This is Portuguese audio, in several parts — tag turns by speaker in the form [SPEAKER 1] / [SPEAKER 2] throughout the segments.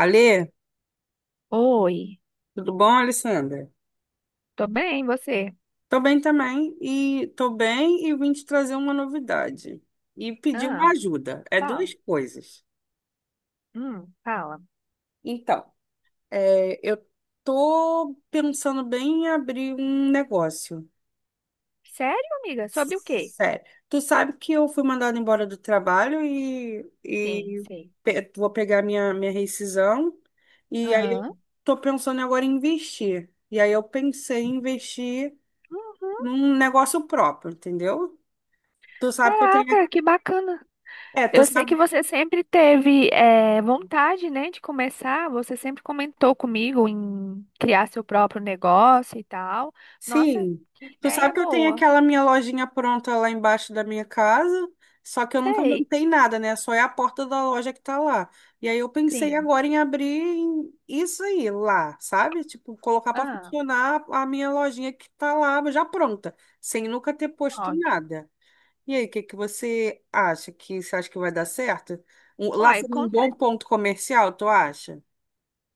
[SPEAKER 1] Alê,
[SPEAKER 2] Oi,
[SPEAKER 1] tudo bom, Alessandra?
[SPEAKER 2] tô bem, você?
[SPEAKER 1] Tô bem também e tô bem e vim te trazer uma novidade e pedir
[SPEAKER 2] Ah,
[SPEAKER 1] uma ajuda. É
[SPEAKER 2] fala.
[SPEAKER 1] duas coisas.
[SPEAKER 2] Fala.
[SPEAKER 1] Então, eu tô pensando bem em abrir um negócio.
[SPEAKER 2] Sério, amiga? Sobre o quê?
[SPEAKER 1] Sério. Tu sabe que eu fui mandada embora do trabalho e,
[SPEAKER 2] Sim,
[SPEAKER 1] e
[SPEAKER 2] sei.
[SPEAKER 1] vou pegar minha rescisão e aí eu
[SPEAKER 2] Aham.
[SPEAKER 1] tô pensando agora em investir. E aí eu pensei em investir
[SPEAKER 2] Uhum.
[SPEAKER 1] num negócio próprio, entendeu? Tu sabe que eu tenho.
[SPEAKER 2] Caraca, que bacana.
[SPEAKER 1] É, tu
[SPEAKER 2] Eu sei que
[SPEAKER 1] sabe.
[SPEAKER 2] você sempre teve vontade, né, de começar. Você sempre comentou comigo em criar seu próprio negócio e tal. Nossa,
[SPEAKER 1] Sim.
[SPEAKER 2] que
[SPEAKER 1] Tu
[SPEAKER 2] ideia
[SPEAKER 1] sabe que eu tenho
[SPEAKER 2] boa.
[SPEAKER 1] aquela minha lojinha pronta lá embaixo da minha casa, só que eu nunca
[SPEAKER 2] Sei,
[SPEAKER 1] montei nada, né? Só é a porta da loja que tá lá. E aí eu pensei
[SPEAKER 2] sim.
[SPEAKER 1] agora em isso aí lá, sabe? Tipo, colocar para
[SPEAKER 2] Ah,
[SPEAKER 1] funcionar a minha lojinha que tá lá já pronta, sem nunca ter posto
[SPEAKER 2] ótimo.
[SPEAKER 1] nada. E aí, o que que você acha que você acha que vai dar certo? Lá
[SPEAKER 2] Uai,
[SPEAKER 1] seria um
[SPEAKER 2] conta.
[SPEAKER 1] bom ponto comercial, tu acha?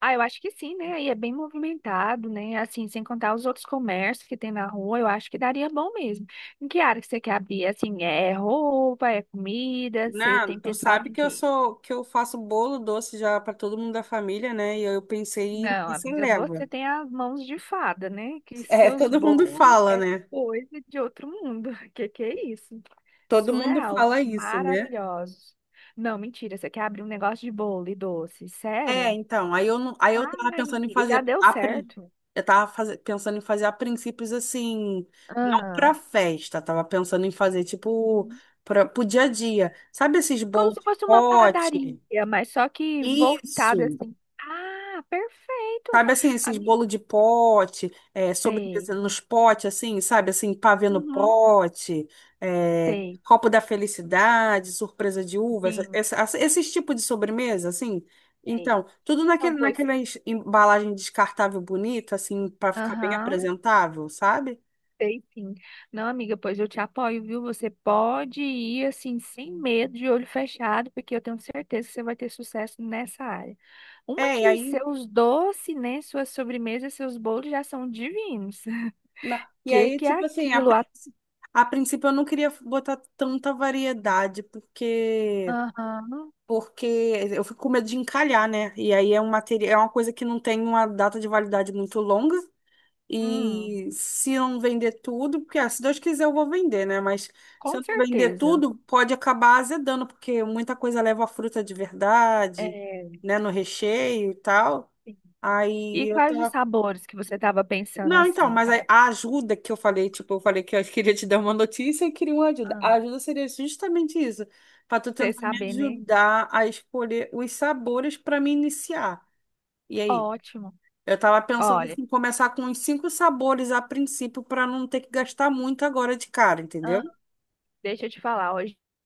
[SPEAKER 2] Ah, eu acho que sim, né? Aí é bem movimentado, né? Assim, sem contar os outros comércios que tem na rua, eu acho que daria bom mesmo. Em que área que você quer abrir? Assim, é roupa, é comida? Você
[SPEAKER 1] Não,
[SPEAKER 2] tem
[SPEAKER 1] tu
[SPEAKER 2] pensado
[SPEAKER 1] sabe
[SPEAKER 2] em
[SPEAKER 1] que eu
[SPEAKER 2] quê?
[SPEAKER 1] sou que eu faço bolo doce já para todo mundo da família, né? E eu pensei
[SPEAKER 2] Não,
[SPEAKER 1] nessa
[SPEAKER 2] amiga,
[SPEAKER 1] leva.
[SPEAKER 2] você tem as mãos de fada, né? Que
[SPEAKER 1] É,
[SPEAKER 2] seus
[SPEAKER 1] todo mundo
[SPEAKER 2] bolos
[SPEAKER 1] fala,
[SPEAKER 2] é
[SPEAKER 1] né?
[SPEAKER 2] coisa de outro mundo. Que é isso?
[SPEAKER 1] Todo mundo
[SPEAKER 2] Surreal,
[SPEAKER 1] fala isso, né?
[SPEAKER 2] maravilhosos. Não, mentira, você quer abrir um negócio de bolo e doce,
[SPEAKER 1] É,
[SPEAKER 2] sério?
[SPEAKER 1] então, aí eu não, aí eu tava
[SPEAKER 2] Ai,
[SPEAKER 1] pensando em
[SPEAKER 2] amiga, já
[SPEAKER 1] fazer
[SPEAKER 2] deu
[SPEAKER 1] a, prin-
[SPEAKER 2] certo.
[SPEAKER 1] eu tava faze- pensando em fazer a princípios assim, não
[SPEAKER 2] Ah.
[SPEAKER 1] para festa, tava pensando em fazer tipo para o dia a dia. Sabe esses
[SPEAKER 2] Como
[SPEAKER 1] bolos
[SPEAKER 2] se
[SPEAKER 1] de
[SPEAKER 2] fosse uma
[SPEAKER 1] pote?
[SPEAKER 2] padaria, mas só que voltada
[SPEAKER 1] Isso.
[SPEAKER 2] assim. Ah, perfeito.
[SPEAKER 1] Sabe assim, esses
[SPEAKER 2] Amigo,
[SPEAKER 1] bolo de pote, sobremesa
[SPEAKER 2] sei.
[SPEAKER 1] nos potes, assim, sabe? Assim, pavê no
[SPEAKER 2] Uhum,
[SPEAKER 1] pote,
[SPEAKER 2] sei,
[SPEAKER 1] copo da felicidade, surpresa de uva,
[SPEAKER 2] sim,
[SPEAKER 1] esses tipos de sobremesa, assim.
[SPEAKER 2] sei.
[SPEAKER 1] Então,
[SPEAKER 2] Então, pois.
[SPEAKER 1] naquela embalagem descartável bonita, assim, para ficar bem
[SPEAKER 2] Aham,
[SPEAKER 1] apresentável, sabe?
[SPEAKER 2] sei sim. Não, amiga, pois eu te apoio, viu? Você pode ir assim, sem medo, de olho fechado, porque eu tenho certeza que você vai ter sucesso nessa área. Uma
[SPEAKER 1] É, e
[SPEAKER 2] que
[SPEAKER 1] aí,
[SPEAKER 2] seus doces, né? Suas sobremesas, seus bolos já são divinos.
[SPEAKER 1] e
[SPEAKER 2] que
[SPEAKER 1] aí,
[SPEAKER 2] que é
[SPEAKER 1] tipo assim,
[SPEAKER 2] aquilo? A-
[SPEAKER 1] a princípio eu não queria botar tanta variedade, porque
[SPEAKER 2] Aham,
[SPEAKER 1] porque eu fico com medo de encalhar, né? E aí é um material, é uma coisa que não tem uma data de validade muito longa.
[SPEAKER 2] hum,
[SPEAKER 1] E se eu não vender tudo, porque ah, se Deus quiser eu vou vender, né? Mas se
[SPEAKER 2] com
[SPEAKER 1] eu não vender
[SPEAKER 2] certeza.
[SPEAKER 1] tudo, pode acabar azedando, porque muita coisa leva a fruta de verdade,
[SPEAKER 2] É,
[SPEAKER 1] né? No recheio e tal.
[SPEAKER 2] sim. E
[SPEAKER 1] Aí eu tô.
[SPEAKER 2] quais os sabores que você estava pensando
[SPEAKER 1] Não, então,
[SPEAKER 2] assim,
[SPEAKER 1] mas a
[SPEAKER 2] Fábio?
[SPEAKER 1] a ajuda que eu falei, tipo, eu falei que eu queria te dar uma notícia e queria uma ajuda.
[SPEAKER 2] Ah,
[SPEAKER 1] A ajuda seria justamente isso, para tu
[SPEAKER 2] você
[SPEAKER 1] tentar me
[SPEAKER 2] saber, né?
[SPEAKER 1] ajudar a escolher os sabores para me iniciar. E aí?
[SPEAKER 2] Ótimo.
[SPEAKER 1] Eu tava pensando
[SPEAKER 2] Olha,
[SPEAKER 1] em começar com uns cinco sabores a princípio para não ter que gastar muito agora de cara, entendeu?
[SPEAKER 2] deixa eu te falar, ó,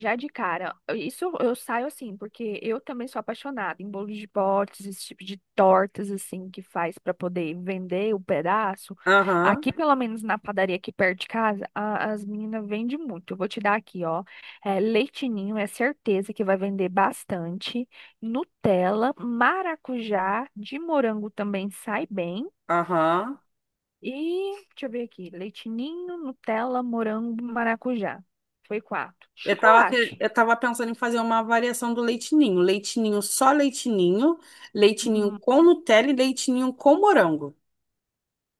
[SPEAKER 2] já de cara, isso eu saio assim, porque eu também sou apaixonada em bolos de potes, esse tipo de tortas assim que faz para poder vender o pedaço.
[SPEAKER 1] Aham,
[SPEAKER 2] Aqui, pelo menos na padaria aqui perto de casa, a- as meninas vendem muito. Eu vou te dar aqui, ó. É, leitinho é certeza que vai vender bastante. Nutella, maracujá, de morango também sai bem.
[SPEAKER 1] aham.
[SPEAKER 2] E deixa eu ver aqui. Leite ninho, Nutella, morango, maracujá. Foi quatro. Chocolate.
[SPEAKER 1] Eu tava pensando em fazer uma variação do leitinho. Leitinho só leitinho, leitinho
[SPEAKER 2] Uhum.
[SPEAKER 1] com Nutella e leitinho com morango.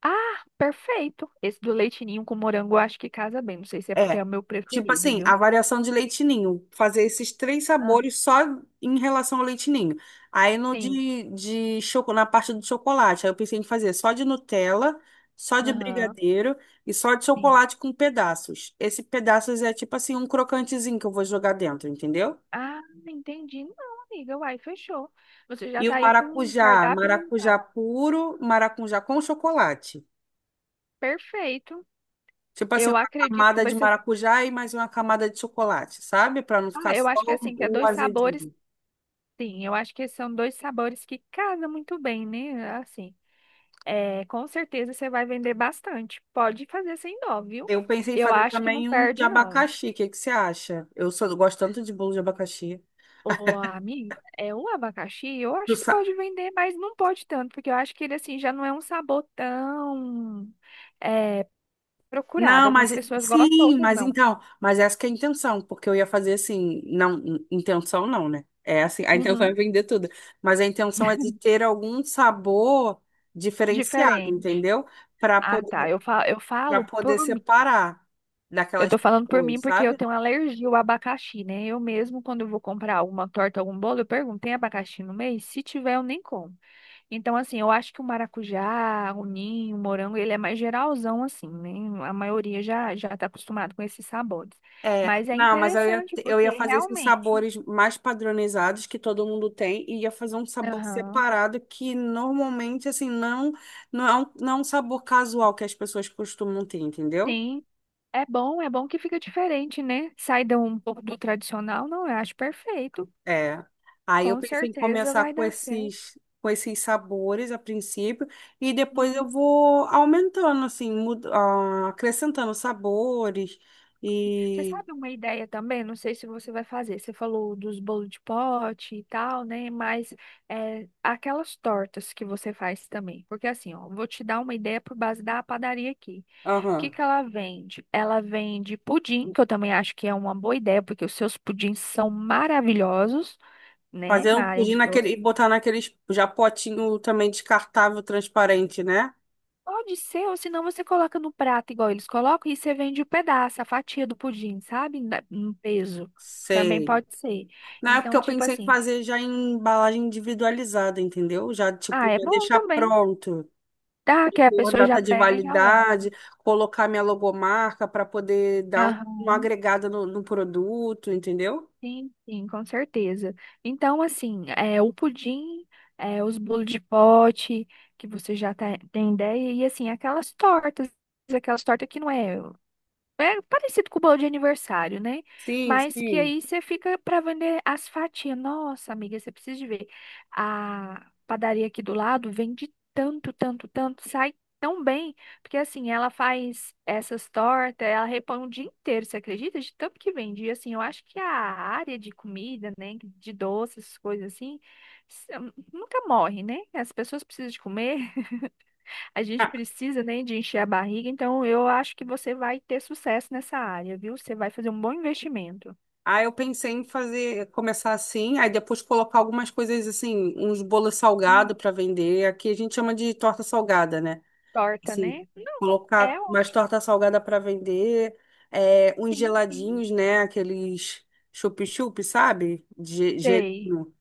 [SPEAKER 2] Ah, perfeito. Esse do leite ninho com morango eu acho que casa bem. Não sei se é porque é
[SPEAKER 1] É,
[SPEAKER 2] o meu
[SPEAKER 1] tipo
[SPEAKER 2] preferido,
[SPEAKER 1] assim, a
[SPEAKER 2] viu?
[SPEAKER 1] variação de leite ninho, fazer esses três
[SPEAKER 2] Ah,
[SPEAKER 1] sabores só em relação ao leite ninho. Aí no
[SPEAKER 2] sim.
[SPEAKER 1] de choco, na parte do chocolate, aí eu pensei em fazer só de Nutella, só de
[SPEAKER 2] Aham,
[SPEAKER 1] brigadeiro e só de
[SPEAKER 2] sim.
[SPEAKER 1] chocolate com pedaços. Esse pedaços é tipo assim um crocantezinho que eu vou jogar dentro, entendeu?
[SPEAKER 2] Ah, entendi. Não, amiga. Uai, fechou. Você já
[SPEAKER 1] E
[SPEAKER 2] tá
[SPEAKER 1] o
[SPEAKER 2] aí com um
[SPEAKER 1] maracujá,
[SPEAKER 2] cardápio
[SPEAKER 1] maracujá
[SPEAKER 2] montado.
[SPEAKER 1] puro, maracujá com chocolate.
[SPEAKER 2] Perfeito.
[SPEAKER 1] Tipo assim,
[SPEAKER 2] Eu
[SPEAKER 1] uma
[SPEAKER 2] acredito que
[SPEAKER 1] camada
[SPEAKER 2] vai
[SPEAKER 1] de
[SPEAKER 2] ser.
[SPEAKER 1] maracujá e mais uma camada de chocolate, sabe? Para não ficar
[SPEAKER 2] Ah, eu
[SPEAKER 1] só
[SPEAKER 2] acho que é assim, que é
[SPEAKER 1] o
[SPEAKER 2] dois sabores.
[SPEAKER 1] azedinho.
[SPEAKER 2] Sim, eu acho que são dois sabores que casam muito bem, né? Assim. É, com certeza você vai vender bastante. Pode fazer sem dó, viu?
[SPEAKER 1] Eu pensei em
[SPEAKER 2] Eu
[SPEAKER 1] fazer
[SPEAKER 2] acho que não
[SPEAKER 1] também um de
[SPEAKER 2] perde, não.
[SPEAKER 1] abacaxi. O que que você acha? Gosto tanto de bolo de abacaxi.
[SPEAKER 2] Ô, amiga, é o abacaxi, eu
[SPEAKER 1] Tu
[SPEAKER 2] acho que
[SPEAKER 1] sa-
[SPEAKER 2] pode vender, mas não pode tanto, porque eu acho que ele assim já não é um sabor tão é, procurado.
[SPEAKER 1] Não, mas
[SPEAKER 2] Algumas pessoas gostam,
[SPEAKER 1] sim,
[SPEAKER 2] outras
[SPEAKER 1] mas
[SPEAKER 2] não.
[SPEAKER 1] então, mas essa que é a intenção, porque eu ia fazer assim, intenção não, né? É assim, a intenção é
[SPEAKER 2] Uhum,
[SPEAKER 1] vender tudo, mas a intenção é de ter algum sabor diferenciado,
[SPEAKER 2] diferente.
[SPEAKER 1] entendeu? Para
[SPEAKER 2] Ah, tá.
[SPEAKER 1] poder,
[SPEAKER 2] Eu
[SPEAKER 1] para
[SPEAKER 2] falo
[SPEAKER 1] poder
[SPEAKER 2] por mim.
[SPEAKER 1] separar
[SPEAKER 2] Eu
[SPEAKER 1] daquelas
[SPEAKER 2] tô falando por mim
[SPEAKER 1] pessoas,
[SPEAKER 2] porque eu
[SPEAKER 1] sabe?
[SPEAKER 2] tenho alergia ao abacaxi, né? Eu mesmo, quando eu vou comprar alguma torta, algum bolo, eu pergunto, tem abacaxi no meio. Se tiver, eu nem como. Então, assim, eu acho que o maracujá, o ninho, o morango, ele é mais geralzão, assim, né? A maioria já está acostumado com esses sabores.
[SPEAKER 1] É,
[SPEAKER 2] Mas é
[SPEAKER 1] não, mas
[SPEAKER 2] interessante,
[SPEAKER 1] eu ia
[SPEAKER 2] porque
[SPEAKER 1] fazer esses
[SPEAKER 2] realmente,
[SPEAKER 1] sabores mais padronizados que todo mundo tem e ia fazer um sabor
[SPEAKER 2] aham,
[SPEAKER 1] separado que normalmente, assim, não, não é um sabor casual que as pessoas costumam ter, entendeu?
[SPEAKER 2] sim, é bom que fica diferente, né? Sai de um pouco do tradicional, não, eu acho perfeito.
[SPEAKER 1] É. Aí eu
[SPEAKER 2] Com
[SPEAKER 1] pensei em
[SPEAKER 2] certeza
[SPEAKER 1] começar
[SPEAKER 2] vai dar certo.
[SPEAKER 1] com esses sabores a princípio e depois eu vou aumentando, assim, acrescentando sabores
[SPEAKER 2] Você
[SPEAKER 1] e...
[SPEAKER 2] sabe uma ideia também? Não sei se você vai fazer. Você falou dos bolos de pote e tal, né? Mas é, aquelas tortas que você faz também. Porque assim, ó, vou te dar uma ideia por base da padaria aqui. O que
[SPEAKER 1] Aham.
[SPEAKER 2] que ela vende? Ela vende pudim, que eu também acho que é uma boa ideia, porque os seus pudins são maravilhosos, né?
[SPEAKER 1] Fazer um
[SPEAKER 2] Na área
[SPEAKER 1] pudim
[SPEAKER 2] de
[SPEAKER 1] naquele, e
[SPEAKER 2] doce.
[SPEAKER 1] botar naqueles já potinho também descartável, transparente, né?
[SPEAKER 2] Pode ser, ou senão você coloca no prato igual eles colocam e você vende o pedaço, a fatia do pudim, sabe? Na- No peso. Também
[SPEAKER 1] Sei.
[SPEAKER 2] pode ser.
[SPEAKER 1] Na época
[SPEAKER 2] Então,
[SPEAKER 1] eu
[SPEAKER 2] tipo
[SPEAKER 1] pensei em
[SPEAKER 2] assim.
[SPEAKER 1] fazer já em embalagem individualizada, entendeu? Já,
[SPEAKER 2] Ah,
[SPEAKER 1] tipo,
[SPEAKER 2] é
[SPEAKER 1] já
[SPEAKER 2] bom
[SPEAKER 1] deixar
[SPEAKER 2] também.
[SPEAKER 1] pronto,
[SPEAKER 2] Tá, que
[SPEAKER 1] e
[SPEAKER 2] a
[SPEAKER 1] por
[SPEAKER 2] pessoa já
[SPEAKER 1] data de
[SPEAKER 2] pega e já leva.
[SPEAKER 1] validade, colocar minha logomarca para poder dar
[SPEAKER 2] Aham,
[SPEAKER 1] uma agregada no produto, entendeu?
[SPEAKER 2] sim, sim, com certeza. Então, assim, é o pudim, é, os bolos de pote, que você já tá- tem ideia, e assim, aquelas tortas que não é. É parecido com o bolo de aniversário, né?
[SPEAKER 1] Sim,
[SPEAKER 2] Mas que
[SPEAKER 1] sim.
[SPEAKER 2] aí você fica para vender as fatias. Nossa, amiga, você precisa de ver. A padaria aqui do lado vende tanto, tanto, tanto, sai tão bem, porque assim, ela faz essas tortas, ela repõe o dia inteiro, você acredita? De tanto que vende. E assim, eu acho que a área de comida, né, de doces, coisas assim, s- nunca morre, né? As pessoas precisam de comer. A gente
[SPEAKER 1] Ah,
[SPEAKER 2] precisa, né, de encher a barriga, então eu acho que você vai ter sucesso nessa área, viu? Você vai fazer um bom investimento.
[SPEAKER 1] aí eu pensei em fazer, começar assim, aí depois colocar algumas coisas assim, uns bolos
[SPEAKER 2] Hum,
[SPEAKER 1] salgados para vender. Aqui a gente chama de torta salgada, né?
[SPEAKER 2] Torta,
[SPEAKER 1] Sim,
[SPEAKER 2] né? Não, é
[SPEAKER 1] colocar
[SPEAKER 2] o
[SPEAKER 1] mais torta salgada para vender, uns
[SPEAKER 2] sim, sim.
[SPEAKER 1] geladinhos, né? Aqueles chup-chup, sabe? De
[SPEAKER 2] Sei,
[SPEAKER 1] gelinho,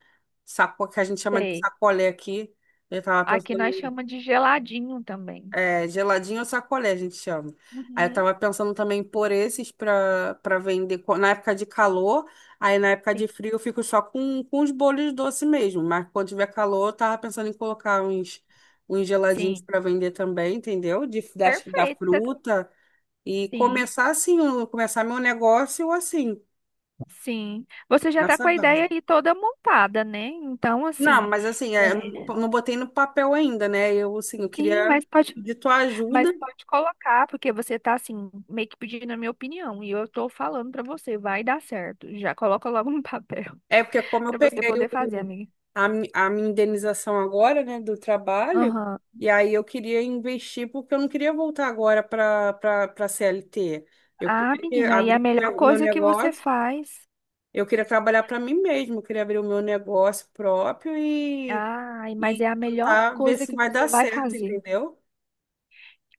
[SPEAKER 1] saco, que a gente chama de
[SPEAKER 2] sei.
[SPEAKER 1] sacolé aqui. Eu tava
[SPEAKER 2] Aqui
[SPEAKER 1] pensando
[SPEAKER 2] nós chamamos de geladinho também.
[SPEAKER 1] geladinho ou sacolé, a gente chama. Aí eu
[SPEAKER 2] Uhum.
[SPEAKER 1] tava pensando também em pôr esses pra vender na época de calor. Aí na época
[SPEAKER 2] Sim,
[SPEAKER 1] de frio eu fico só com os bolos doce mesmo. Mas quando tiver calor, eu tava pensando em colocar uns geladinhos
[SPEAKER 2] sim.
[SPEAKER 1] pra vender também, entendeu? Da
[SPEAKER 2] Perfeito. Você tá-
[SPEAKER 1] fruta. E
[SPEAKER 2] Sim,
[SPEAKER 1] começar assim, começar meu negócio assim,
[SPEAKER 2] sim. Você já está
[SPEAKER 1] nessa
[SPEAKER 2] com a
[SPEAKER 1] base.
[SPEAKER 2] ideia aí toda montada, né? Então,
[SPEAKER 1] Não,
[SPEAKER 2] assim,
[SPEAKER 1] mas assim, é, eu não,
[SPEAKER 2] é,
[SPEAKER 1] não botei no papel ainda, né? Eu, assim, eu
[SPEAKER 2] sim,
[SPEAKER 1] queria
[SPEAKER 2] mas pode.
[SPEAKER 1] pedir tua
[SPEAKER 2] Mas
[SPEAKER 1] ajuda.
[SPEAKER 2] pode colocar, porque você tá assim, meio que pedindo a minha opinião, e eu tô falando pra você, vai dar certo. Já coloca logo no papel
[SPEAKER 1] É porque como eu
[SPEAKER 2] pra você
[SPEAKER 1] peguei
[SPEAKER 2] poder fazer, amiga.
[SPEAKER 1] a minha indenização agora, né, do trabalho,
[SPEAKER 2] Aham.
[SPEAKER 1] e aí eu queria investir porque eu não queria voltar agora para CLT. Eu
[SPEAKER 2] Ah,
[SPEAKER 1] queria
[SPEAKER 2] menina, e a
[SPEAKER 1] abrir o
[SPEAKER 2] melhor
[SPEAKER 1] meu meu
[SPEAKER 2] coisa que você
[SPEAKER 1] negócio,
[SPEAKER 2] faz.
[SPEAKER 1] eu queria trabalhar para mim mesmo, eu queria abrir o meu negócio próprio
[SPEAKER 2] Ai,
[SPEAKER 1] e
[SPEAKER 2] mas é a melhor
[SPEAKER 1] tentar ver
[SPEAKER 2] coisa
[SPEAKER 1] se
[SPEAKER 2] que
[SPEAKER 1] vai dar
[SPEAKER 2] você vai
[SPEAKER 1] certo,
[SPEAKER 2] fazer.
[SPEAKER 1] entendeu?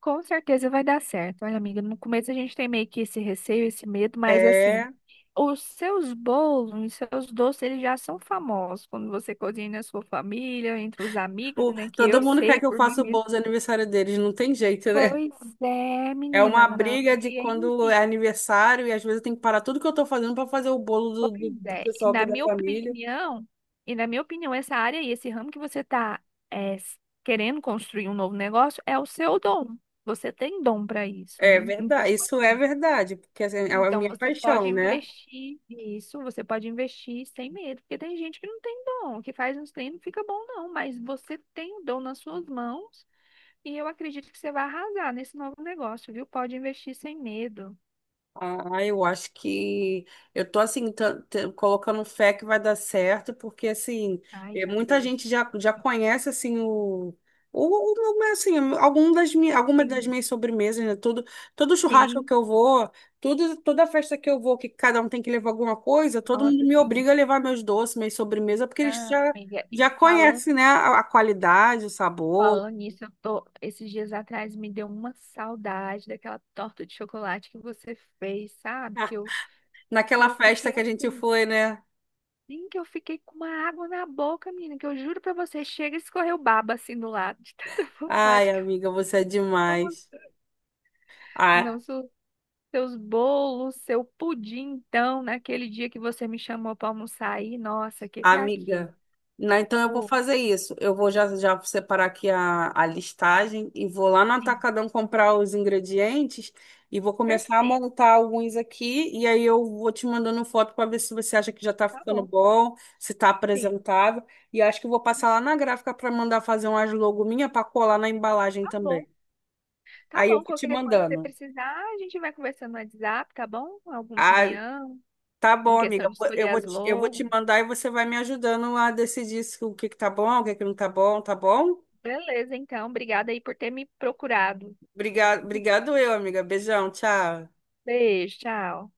[SPEAKER 2] Com certeza vai dar certo. Olha, amiga, no começo a gente tem meio que esse receio, esse medo, mas assim,
[SPEAKER 1] É,
[SPEAKER 2] os seus bolos, os seus doces, eles já são famosos quando você cozinha na sua família, entre os amigos,
[SPEAKER 1] o,
[SPEAKER 2] né? Que
[SPEAKER 1] todo
[SPEAKER 2] eu
[SPEAKER 1] mundo quer
[SPEAKER 2] sei
[SPEAKER 1] que eu
[SPEAKER 2] por mim
[SPEAKER 1] faça o bolo
[SPEAKER 2] mesma.
[SPEAKER 1] de aniversário deles, não tem jeito, né?
[SPEAKER 2] Pois é,
[SPEAKER 1] É
[SPEAKER 2] menina,
[SPEAKER 1] uma
[SPEAKER 2] não.
[SPEAKER 1] briga de
[SPEAKER 2] E aí,
[SPEAKER 1] quando é
[SPEAKER 2] enfim,
[SPEAKER 1] aniversário e às vezes eu tenho que parar tudo que eu tô fazendo para fazer o bolo
[SPEAKER 2] pois
[SPEAKER 1] do
[SPEAKER 2] é. E
[SPEAKER 1] pessoal aqui
[SPEAKER 2] na
[SPEAKER 1] da
[SPEAKER 2] minha
[SPEAKER 1] família.
[SPEAKER 2] opinião, e na minha opinião, essa área e esse ramo que você está querendo construir um novo negócio é o seu dom. Você tem dom para isso,
[SPEAKER 1] É
[SPEAKER 2] né? Então,
[SPEAKER 1] verdade, isso é
[SPEAKER 2] assim,
[SPEAKER 1] verdade, porque assim, é a
[SPEAKER 2] então
[SPEAKER 1] minha
[SPEAKER 2] você pode
[SPEAKER 1] paixão, né?
[SPEAKER 2] investir nisso, você pode investir sem medo, porque tem gente que não tem dom, que faz uns treinos, não fica bom, não, mas você tem o dom nas suas mãos e eu acredito que você vai arrasar nesse novo negócio, viu? Pode investir sem medo.
[SPEAKER 1] Ah, eu acho que eu tô assim colocando fé que vai dar certo, porque assim,
[SPEAKER 2] Ai, já
[SPEAKER 1] muita
[SPEAKER 2] deu.
[SPEAKER 1] gente já conhece assim o alguma das
[SPEAKER 2] Sim,
[SPEAKER 1] minhas sobremesas, né? Todo churrasco
[SPEAKER 2] sim,
[SPEAKER 1] que eu vou, toda festa que eu vou, que cada um tem que levar alguma coisa, todo mundo
[SPEAKER 2] nossa,
[SPEAKER 1] me
[SPEAKER 2] sim.
[SPEAKER 1] obriga a levar meus doces, minhas sobremesas, porque eles
[SPEAKER 2] Ah,
[SPEAKER 1] já,
[SPEAKER 2] amiga, e
[SPEAKER 1] já
[SPEAKER 2] fala,
[SPEAKER 1] conhecem, né, a qualidade, o sabor.
[SPEAKER 2] falando nisso, eu tô, esses dias atrás me deu uma saudade daquela torta de chocolate que você fez, sabe?
[SPEAKER 1] Ah,
[SPEAKER 2] Que
[SPEAKER 1] naquela
[SPEAKER 2] eu
[SPEAKER 1] festa
[SPEAKER 2] fiquei
[SPEAKER 1] que a gente
[SPEAKER 2] assim,
[SPEAKER 1] foi, né?
[SPEAKER 2] sim, que eu fiquei com uma água na boca, menina, que eu juro pra você, chega e escorreu baba assim do lado, de tanta
[SPEAKER 1] Ai,
[SPEAKER 2] vontade que eu
[SPEAKER 1] amiga, você é
[SPEAKER 2] tava.
[SPEAKER 1] demais.
[SPEAKER 2] Não,
[SPEAKER 1] Ah,
[SPEAKER 2] seu- seus bolos, seu pudim, então, naquele dia que você me chamou pra almoçar aí, nossa, o que que é aquilo?
[SPEAKER 1] amiga, não, então eu vou
[SPEAKER 2] Oh,
[SPEAKER 1] fazer isso. Eu vou já separar aqui a listagem e vou lá no
[SPEAKER 2] sim,
[SPEAKER 1] Atacadão comprar os ingredientes e vou começar a
[SPEAKER 2] perfeito,
[SPEAKER 1] montar alguns aqui. E aí eu vou te mandando foto para ver se você acha que já está
[SPEAKER 2] tá
[SPEAKER 1] ficando
[SPEAKER 2] bom.
[SPEAKER 1] bom, se está
[SPEAKER 2] Sim.
[SPEAKER 1] apresentável. E acho que eu vou passar lá na gráfica para mandar fazer umas logo minha para colar na embalagem
[SPEAKER 2] Tá bom,
[SPEAKER 1] também.
[SPEAKER 2] tá
[SPEAKER 1] Aí eu
[SPEAKER 2] bom.
[SPEAKER 1] vou te
[SPEAKER 2] Qualquer coisa que você
[SPEAKER 1] mandando.
[SPEAKER 2] precisar, a gente vai conversando no WhatsApp, tá bom? Alguma
[SPEAKER 1] Ah,
[SPEAKER 2] opinião
[SPEAKER 1] tá
[SPEAKER 2] em
[SPEAKER 1] bom,
[SPEAKER 2] questão
[SPEAKER 1] amiga.
[SPEAKER 2] de escolher as
[SPEAKER 1] Eu vou te
[SPEAKER 2] logos.
[SPEAKER 1] mandar e você vai me ajudando a decidir se, o que que tá bom, o que que não tá bom, tá bom?
[SPEAKER 2] Beleza, então. Obrigada aí por ter me procurado.
[SPEAKER 1] Obrigado eu, amiga. Beijão, tchau.
[SPEAKER 2] Beijo, tchau.